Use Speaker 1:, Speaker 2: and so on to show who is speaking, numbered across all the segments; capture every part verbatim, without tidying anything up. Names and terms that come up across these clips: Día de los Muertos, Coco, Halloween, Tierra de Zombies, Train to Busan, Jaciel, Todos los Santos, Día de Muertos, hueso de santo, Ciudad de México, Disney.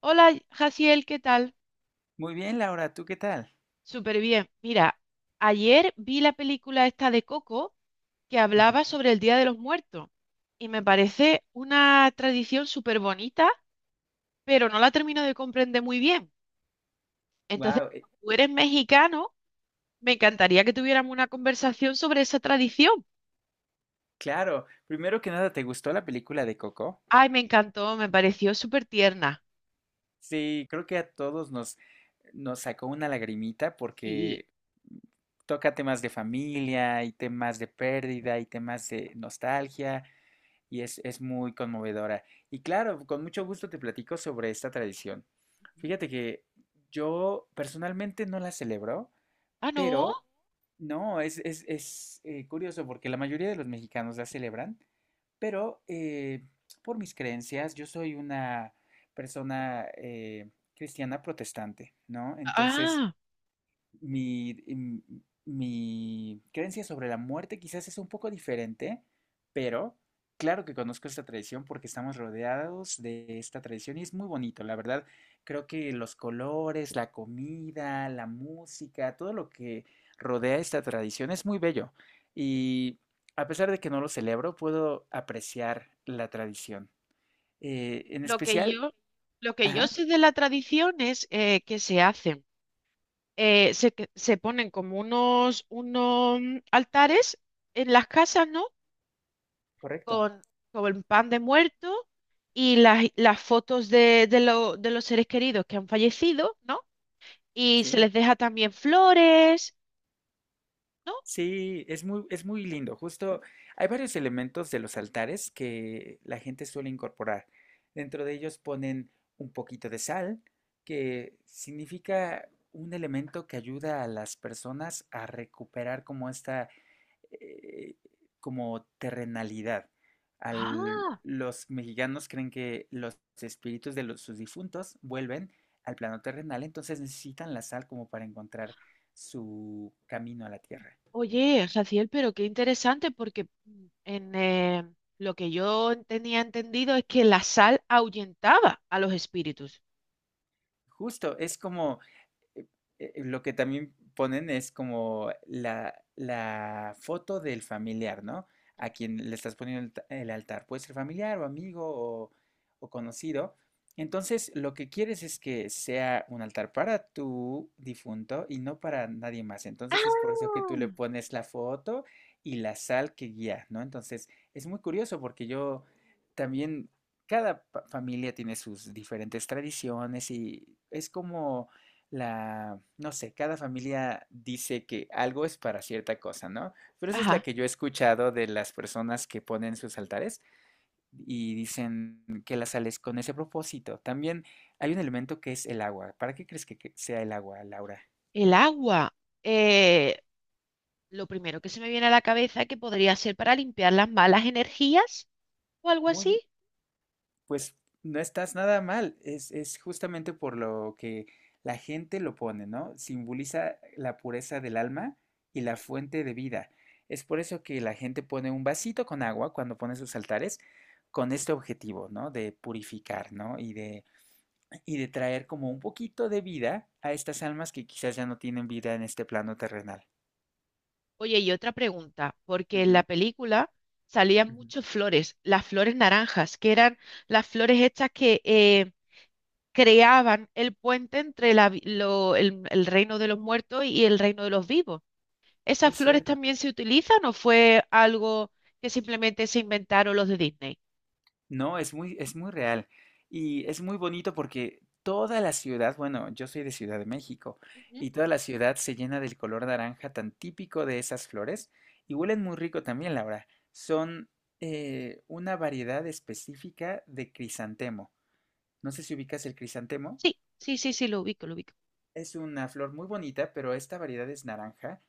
Speaker 1: Hola, Jaciel, ¿qué tal?
Speaker 2: Muy bien, Laura, ¿tú qué tal?
Speaker 1: Súper bien. Mira, ayer vi la película esta de Coco que hablaba sobre el Día de los Muertos y me parece una tradición súper bonita, pero no la termino de comprender muy bien. Entonces,
Speaker 2: Wow,
Speaker 1: como tú eres mexicano, me encantaría que tuviéramos una conversación sobre esa tradición.
Speaker 2: claro. Primero que nada, ¿te gustó la película de Coco?
Speaker 1: Ay, me encantó, me pareció súper tierna.
Speaker 2: Sí, creo que a todos nos, nos sacó una lagrimita
Speaker 1: Sí.
Speaker 2: porque toca temas de familia y temas de pérdida y temas de nostalgia y es, es muy conmovedora. Y claro, con mucho gusto te platico sobre esta tradición. Fíjate que yo personalmente no la celebro,
Speaker 1: Ah, no.
Speaker 2: pero no, es, es, es eh, curioso porque la mayoría de los mexicanos la celebran. Pero eh, por mis creencias, yo soy una persona eh, cristiana protestante, ¿no? Entonces,
Speaker 1: Ah,
Speaker 2: mi, em, mi creencia sobre la muerte quizás es un poco diferente, pero claro que conozco esta tradición porque estamos rodeados de esta tradición y es muy bonito. La verdad, creo que los colores, la comida, la música, todo lo que rodea esta tradición es muy bello. Y a pesar de que no lo celebro, puedo apreciar la tradición. Eh, en
Speaker 1: lo que
Speaker 2: especial,
Speaker 1: yo, lo que yo
Speaker 2: ajá,
Speaker 1: sé de la tradición es eh, que se hacen eh, se, que- se ponen como unos, unos mm, altares en las casas, ¿no?
Speaker 2: correcto,
Speaker 1: Con, con el pan de muerto y las, las fotos de, de, lo- de los seres queridos que han fallecido, ¿no? Y se
Speaker 2: sí.
Speaker 1: les deja también flores, ¿no?
Speaker 2: Sí, es muy, es muy lindo. Justo hay varios elementos de los altares que la gente suele incorporar. Dentro de ellos ponen un poquito de sal, que significa un elemento que ayuda a las personas a recuperar como esta, eh, como terrenalidad. Al-
Speaker 1: Ah,
Speaker 2: los mexicanos creen que los espíritus de los, sus difuntos vuelven al plano terrenal, entonces necesitan la sal como para encontrar su camino a la tierra.
Speaker 1: oye, Jaciel, pero qué interesante porque mm, en, eh, lo que yo tenía entendido es que la sal ahuyentaba a los espíritus.
Speaker 2: Justo, es como, eh, eh, eh, lo que también ponen es como la, la foto del familiar, ¿no? A quien le estás poniendo el, ta- el altar. Puede ser familiar o amigo o, o conocido. Entonces, lo que quieres es que sea un altar para tu difunto y no para nadie más.
Speaker 1: Ah,
Speaker 2: Entonces, es por eso que tú le pones la foto y la sal que guía, ¿no? Entonces, es muy curioso porque yo también, cada pa- familia tiene sus diferentes tradiciones y es como la, no sé, cada familia dice que algo es para cierta cosa, ¿no? Pero esa es la
Speaker 1: ajá,
Speaker 2: que yo he escuchado de las personas que ponen sus altares y dicen que la sal es con ese propósito. También hay un elemento que es el agua. ¿Para qué crees que que sea el agua, Laura?
Speaker 1: el agua. eh, Lo primero que se me viene a la cabeza es que podría ser para limpiar las malas energías o algo así.
Speaker 2: Muy. Pues no estás nada mal, es, es justamente por lo que la gente lo pone, ¿no? Simboliza la pureza del alma y la fuente de vida. Es por eso que la gente pone un vasito con agua cuando pone sus altares con este objetivo, ¿no? De purificar, ¿no? Y de, y de traer como un poquito de vida a estas almas que quizás ya no tienen vida en este plano terrenal.
Speaker 1: Oye, y otra pregunta, porque en la
Speaker 2: Ujú,
Speaker 1: película salían
Speaker 2: ujú.
Speaker 1: muchas flores, las flores naranjas, que eran las flores estas que eh, creaban el puente entre la vi- lo- el, el reino de los muertos y el reino de los vivos. ¿Esas
Speaker 2: Es
Speaker 1: flores
Speaker 2: cierto.
Speaker 1: también se utilizan o fue algo que simplemente se inventaron los de Disney?
Speaker 2: No, es muy, es muy real y es muy bonito porque toda la ciudad, bueno, yo soy de Ciudad de México
Speaker 1: Ujú.
Speaker 2: y toda la ciudad se llena del color naranja tan típico de esas flores y huelen muy rico también, Laura. Son eh, una variedad específica de crisantemo. No sé si ubicas el crisantemo.
Speaker 1: Sí, sí, sí, sí, lo ubico, lo ubico.
Speaker 2: Es una flor muy bonita, pero esta variedad es naranja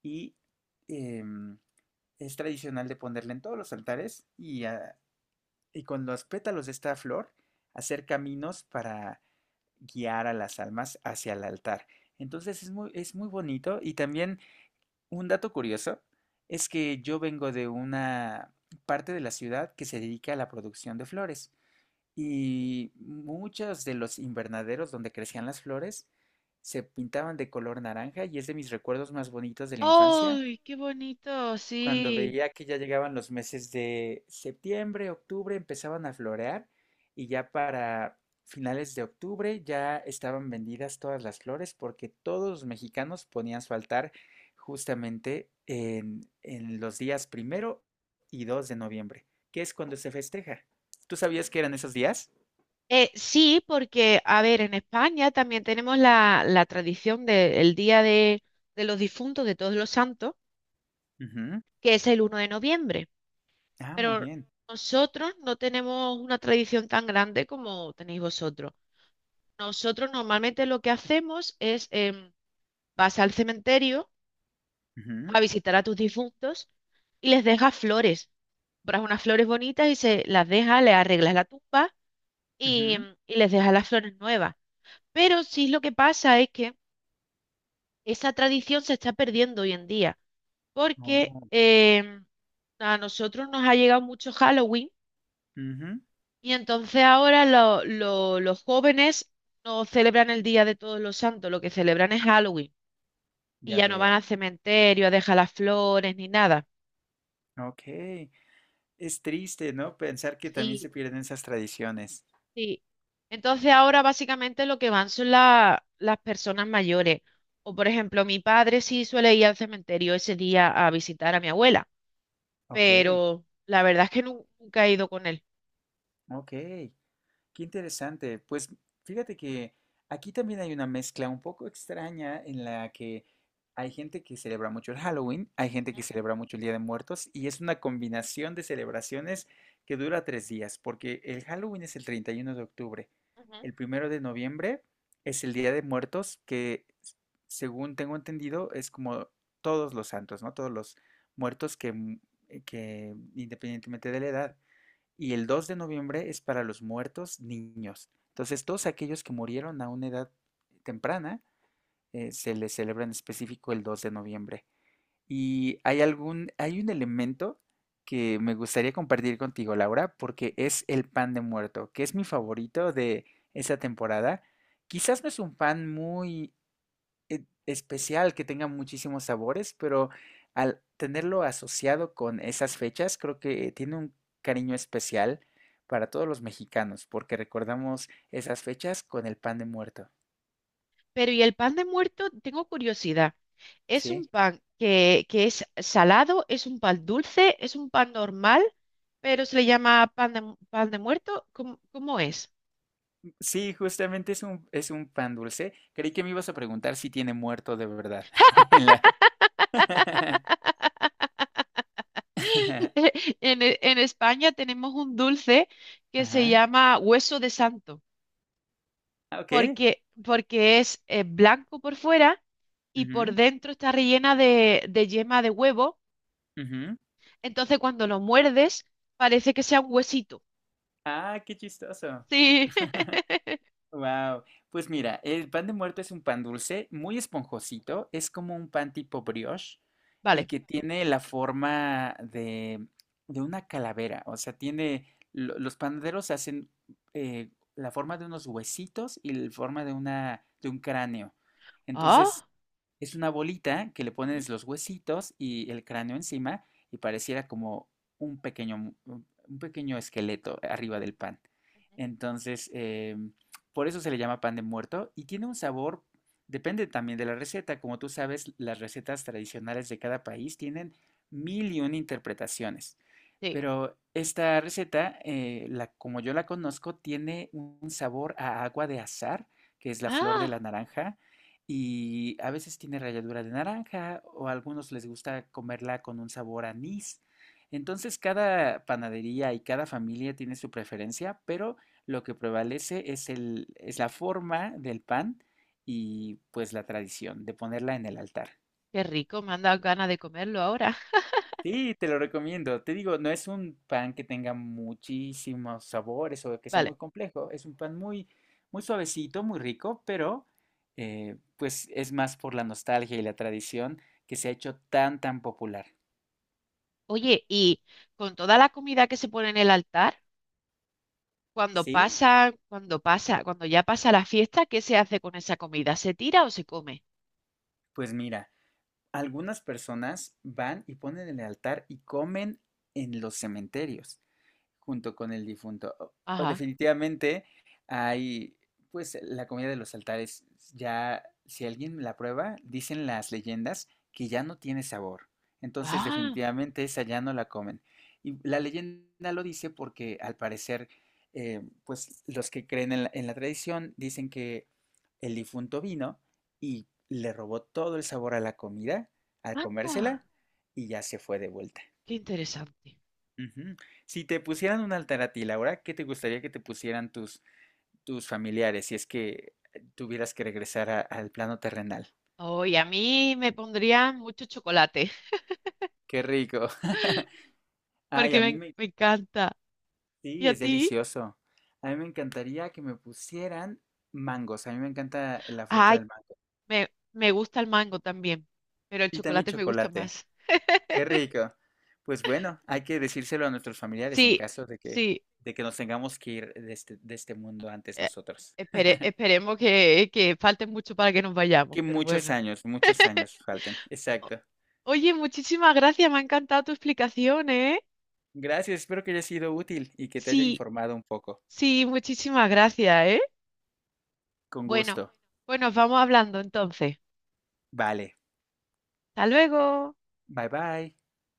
Speaker 2: y em, es tradicional de ponerla en todos los altares y a- y con los pétalos de esta flor hacer caminos para guiar a las almas hacia el altar. Entonces es muy, es muy bonito y también un dato curioso es que yo vengo de una parte de la ciudad que se dedica a la producción de flores y muchos de los invernaderos donde crecían las flores se pintaban de color naranja y es de mis recuerdos más bonitos de la infancia
Speaker 1: ¡Ay, qué bonito!
Speaker 2: cuando
Speaker 1: Sí.
Speaker 2: veía que ya llegaban los meses de septiembre, octubre, empezaban a florear y ya para finales de octubre ya estaban vendidas todas las flores porque todos los mexicanos ponían su altar justamente en, en los días primero y dos de noviembre, que es cuando se festeja. ¿Tú sabías que eran esos días?
Speaker 1: Eh, sí, porque, a ver, en España también tenemos la, la tradición del Día de, de los Difuntos, de Todos los Santos,
Speaker 2: Ujú.
Speaker 1: que es el uno de noviembre.
Speaker 2: Ah, muy
Speaker 1: Pero
Speaker 2: bien.
Speaker 1: nosotros no tenemos una tradición tan grande como tenéis vosotros. Nosotros normalmente lo que hacemos es, em, vas al cementerio
Speaker 2: Ujú,
Speaker 1: a visitar a tus difuntos y les dejas flores. Compras unas flores bonitas y se las dejas, le arreglas la tumba y,
Speaker 2: ujú.
Speaker 1: y les dejas las flores nuevas. Pero sí lo que pasa es que esa tradición se está perdiendo hoy en día, porque
Speaker 2: Oh,
Speaker 1: em, a nosotros nos ha llegado mucho Halloween
Speaker 2: ujú.
Speaker 1: y entonces ahora lo- lo- los jóvenes no celebran el Día de Todos los Santos, lo que celebran es Halloween y
Speaker 2: Ya
Speaker 1: ya no van
Speaker 2: veo.
Speaker 1: al cementerio a dejar las flores ni nada.
Speaker 2: Ok. Es triste, ¿no? Pensar que también
Speaker 1: Sí,
Speaker 2: se pierden esas tradiciones.
Speaker 1: sí. Entonces ahora básicamente lo que van son la- las personas mayores. O por ejemplo, mi padre sí suele ir al cementerio ese día a visitar a mi abuela,
Speaker 2: Ok,
Speaker 1: pero la verdad es que nu- nunca he ido con él.
Speaker 2: ok. Qué interesante. Pues fíjate que aquí también hay una mezcla un poco extraña en la que hay gente que celebra mucho el Halloween, hay gente
Speaker 1: Ujú,
Speaker 2: que celebra mucho el Día de Muertos y es una combinación de celebraciones que dura tres días, porque el Halloween es el treinta y uno de octubre,
Speaker 1: ujú.
Speaker 2: el primero de noviembre es el Día de Muertos, que s- según tengo entendido es como todos los santos, ¿no? Todos los muertos que, mu- que independientemente de la edad. Y el dos de noviembre es para los muertos niños. Entonces, todos aquellos que murieron a una edad temprana, eh, se les celebra en específico el dos de noviembre. Y hay algún, hay un elemento que me gustaría compartir contigo, Laura, porque es el pan de muerto, que es mi favorito de esa temporada. Quizás no es un pan muy eh, especial, que tenga muchísimos sabores, pero al tenerlo asociado con esas fechas, creo que tiene un cariño especial para todos los mexicanos, porque recordamos esas fechas con el pan de muerto,
Speaker 1: Pero ¿y el pan de muerto? Tengo curiosidad. ¿Es un
Speaker 2: ¿sí?
Speaker 1: pan que, que es salado? ¿Es un pan dulce? ¿Es un pan normal? Pero se le llama pan de, mu- pan de muerto. ¿Cómo, cómo es?
Speaker 2: Sí, justamente es un, es un pan dulce. Creí que me ibas a preguntar si tiene muerto de verdad. En la...
Speaker 1: En, E- en España tenemos un dulce que se
Speaker 2: Ajá.
Speaker 1: llama hueso de santo,
Speaker 2: Ah, ok.
Speaker 1: porque, porque es eh, blanco por fuera y por
Speaker 2: Ujú,
Speaker 1: dentro está rellena de, de yema de huevo.
Speaker 2: ujú.
Speaker 1: Entonces cuando lo muerdes parece que sea un huesito.
Speaker 2: Ah, qué chistoso.
Speaker 1: Sí,
Speaker 2: Wow, pues mira, el pan de muerto es un pan dulce, muy esponjosito, es como un pan tipo brioche y
Speaker 1: vale.
Speaker 2: que tiene la forma de, de una calavera, o sea, tiene, lo- los panaderos hacen eh, la forma de unos huesitos y la forma de una, de un cráneo. Entonces
Speaker 1: Ah.
Speaker 2: es una bolita que le
Speaker 1: Ujú,
Speaker 2: pones los huesitos y el cráneo encima y pareciera como un pequeño, un un pequeño esqueleto arriba
Speaker 1: ujú,
Speaker 2: del pan.
Speaker 1: ujú.
Speaker 2: Entonces, eh, por eso se le llama pan de muerto y tiene un sabor, depende también de la receta. Como tú sabes, las recetas tradicionales de cada país tienen mil y una interpretaciones.
Speaker 1: Sí.
Speaker 2: Pero esta receta, eh, la, como yo la conozco, tiene un sabor a agua de azahar, que es la flor de la
Speaker 1: Ah,
Speaker 2: naranja y a veces tiene ralladura de naranja o a algunos les gusta comerla con un sabor anís. Entonces cada panadería y cada familia tiene su preferencia, pero lo que prevalece es el, es la forma del pan y pues la tradición de ponerla en el altar.
Speaker 1: qué rico, me han dado ganas de comerlo ahora.
Speaker 2: Sí, te lo recomiendo. Te digo, no es un pan que tenga muchísimos sabores o que sea
Speaker 1: Vale.
Speaker 2: muy complejo. Es un pan muy, muy suavecito, muy rico, pero eh, pues es más por la nostalgia y la tradición que se ha hecho tan, tan popular.
Speaker 1: Oye, y con toda la comida que se pone en el altar, cuando
Speaker 2: Sí,
Speaker 1: pasa, cuando pasa, cuando ya pasa la fiesta, ¿qué se hace con esa comida? ¿Se tira o se come?
Speaker 2: pues mira, algunas personas van y ponen en el altar y comen en los cementerios. Junto con el difunto. O-
Speaker 1: Ajá.
Speaker 2: definitivamente hay, pues la comida de los altares, ya si alguien la prueba, dicen las leyendas que ya no tiene sabor. Entonces
Speaker 1: Ah,
Speaker 2: definitivamente esa ya no la comen. Y la leyenda lo dice porque al parecer, eh, pues los que creen en la, en la tradición dicen que el difunto vino y le robó todo el sabor a la comida al
Speaker 1: anda.
Speaker 2: comérsela y ya se fue de vuelta.
Speaker 1: Qué interesante.
Speaker 2: Ujú. Si te pusieran un altar a ti, Laura, ¿qué te gustaría que te pusieran tus, tus familiares si es que eh, tuvieras que regresar a- al plano terrenal?
Speaker 1: Hoy a mí me pondrían mucho chocolate,
Speaker 2: ¡Qué rico! Ay,
Speaker 1: porque
Speaker 2: a mí
Speaker 1: me,
Speaker 2: me...
Speaker 1: me encanta. ¿Y
Speaker 2: Sí,
Speaker 1: a
Speaker 2: es
Speaker 1: ti?
Speaker 2: delicioso. A mí me encantaría que me pusieran mangos. A mí me encanta la fruta
Speaker 1: Ay,
Speaker 2: del mango.
Speaker 1: me, me gusta el mango también, pero el
Speaker 2: Y también
Speaker 1: chocolate me gusta
Speaker 2: chocolate.
Speaker 1: más.
Speaker 2: ¡Qué rico! Pues bueno, hay que decírselo a nuestros familiares en
Speaker 1: Sí.
Speaker 2: caso de que,
Speaker 1: Sí,
Speaker 2: de que nos tengamos que ir de este, de este mundo antes
Speaker 1: Eh,
Speaker 2: nosotros.
Speaker 1: espere- esperemos que, que falte mucho para que nos vayamos,
Speaker 2: Que
Speaker 1: pero
Speaker 2: muchos
Speaker 1: bueno.
Speaker 2: años, muchos años faltan. Exacto.
Speaker 1: Oye, muchísimas gracias, me ha encantado tu explicación, ¿eh?
Speaker 2: Gracias, espero que haya sido útil y que te haya
Speaker 1: Sí,
Speaker 2: informado un poco.
Speaker 1: sí, muchísimas gracias, ¿eh?
Speaker 2: Con
Speaker 1: Bueno,
Speaker 2: gusto.
Speaker 1: pues nos vamos hablando entonces.
Speaker 2: Vale,
Speaker 1: Hasta luego.
Speaker 2: bye bye.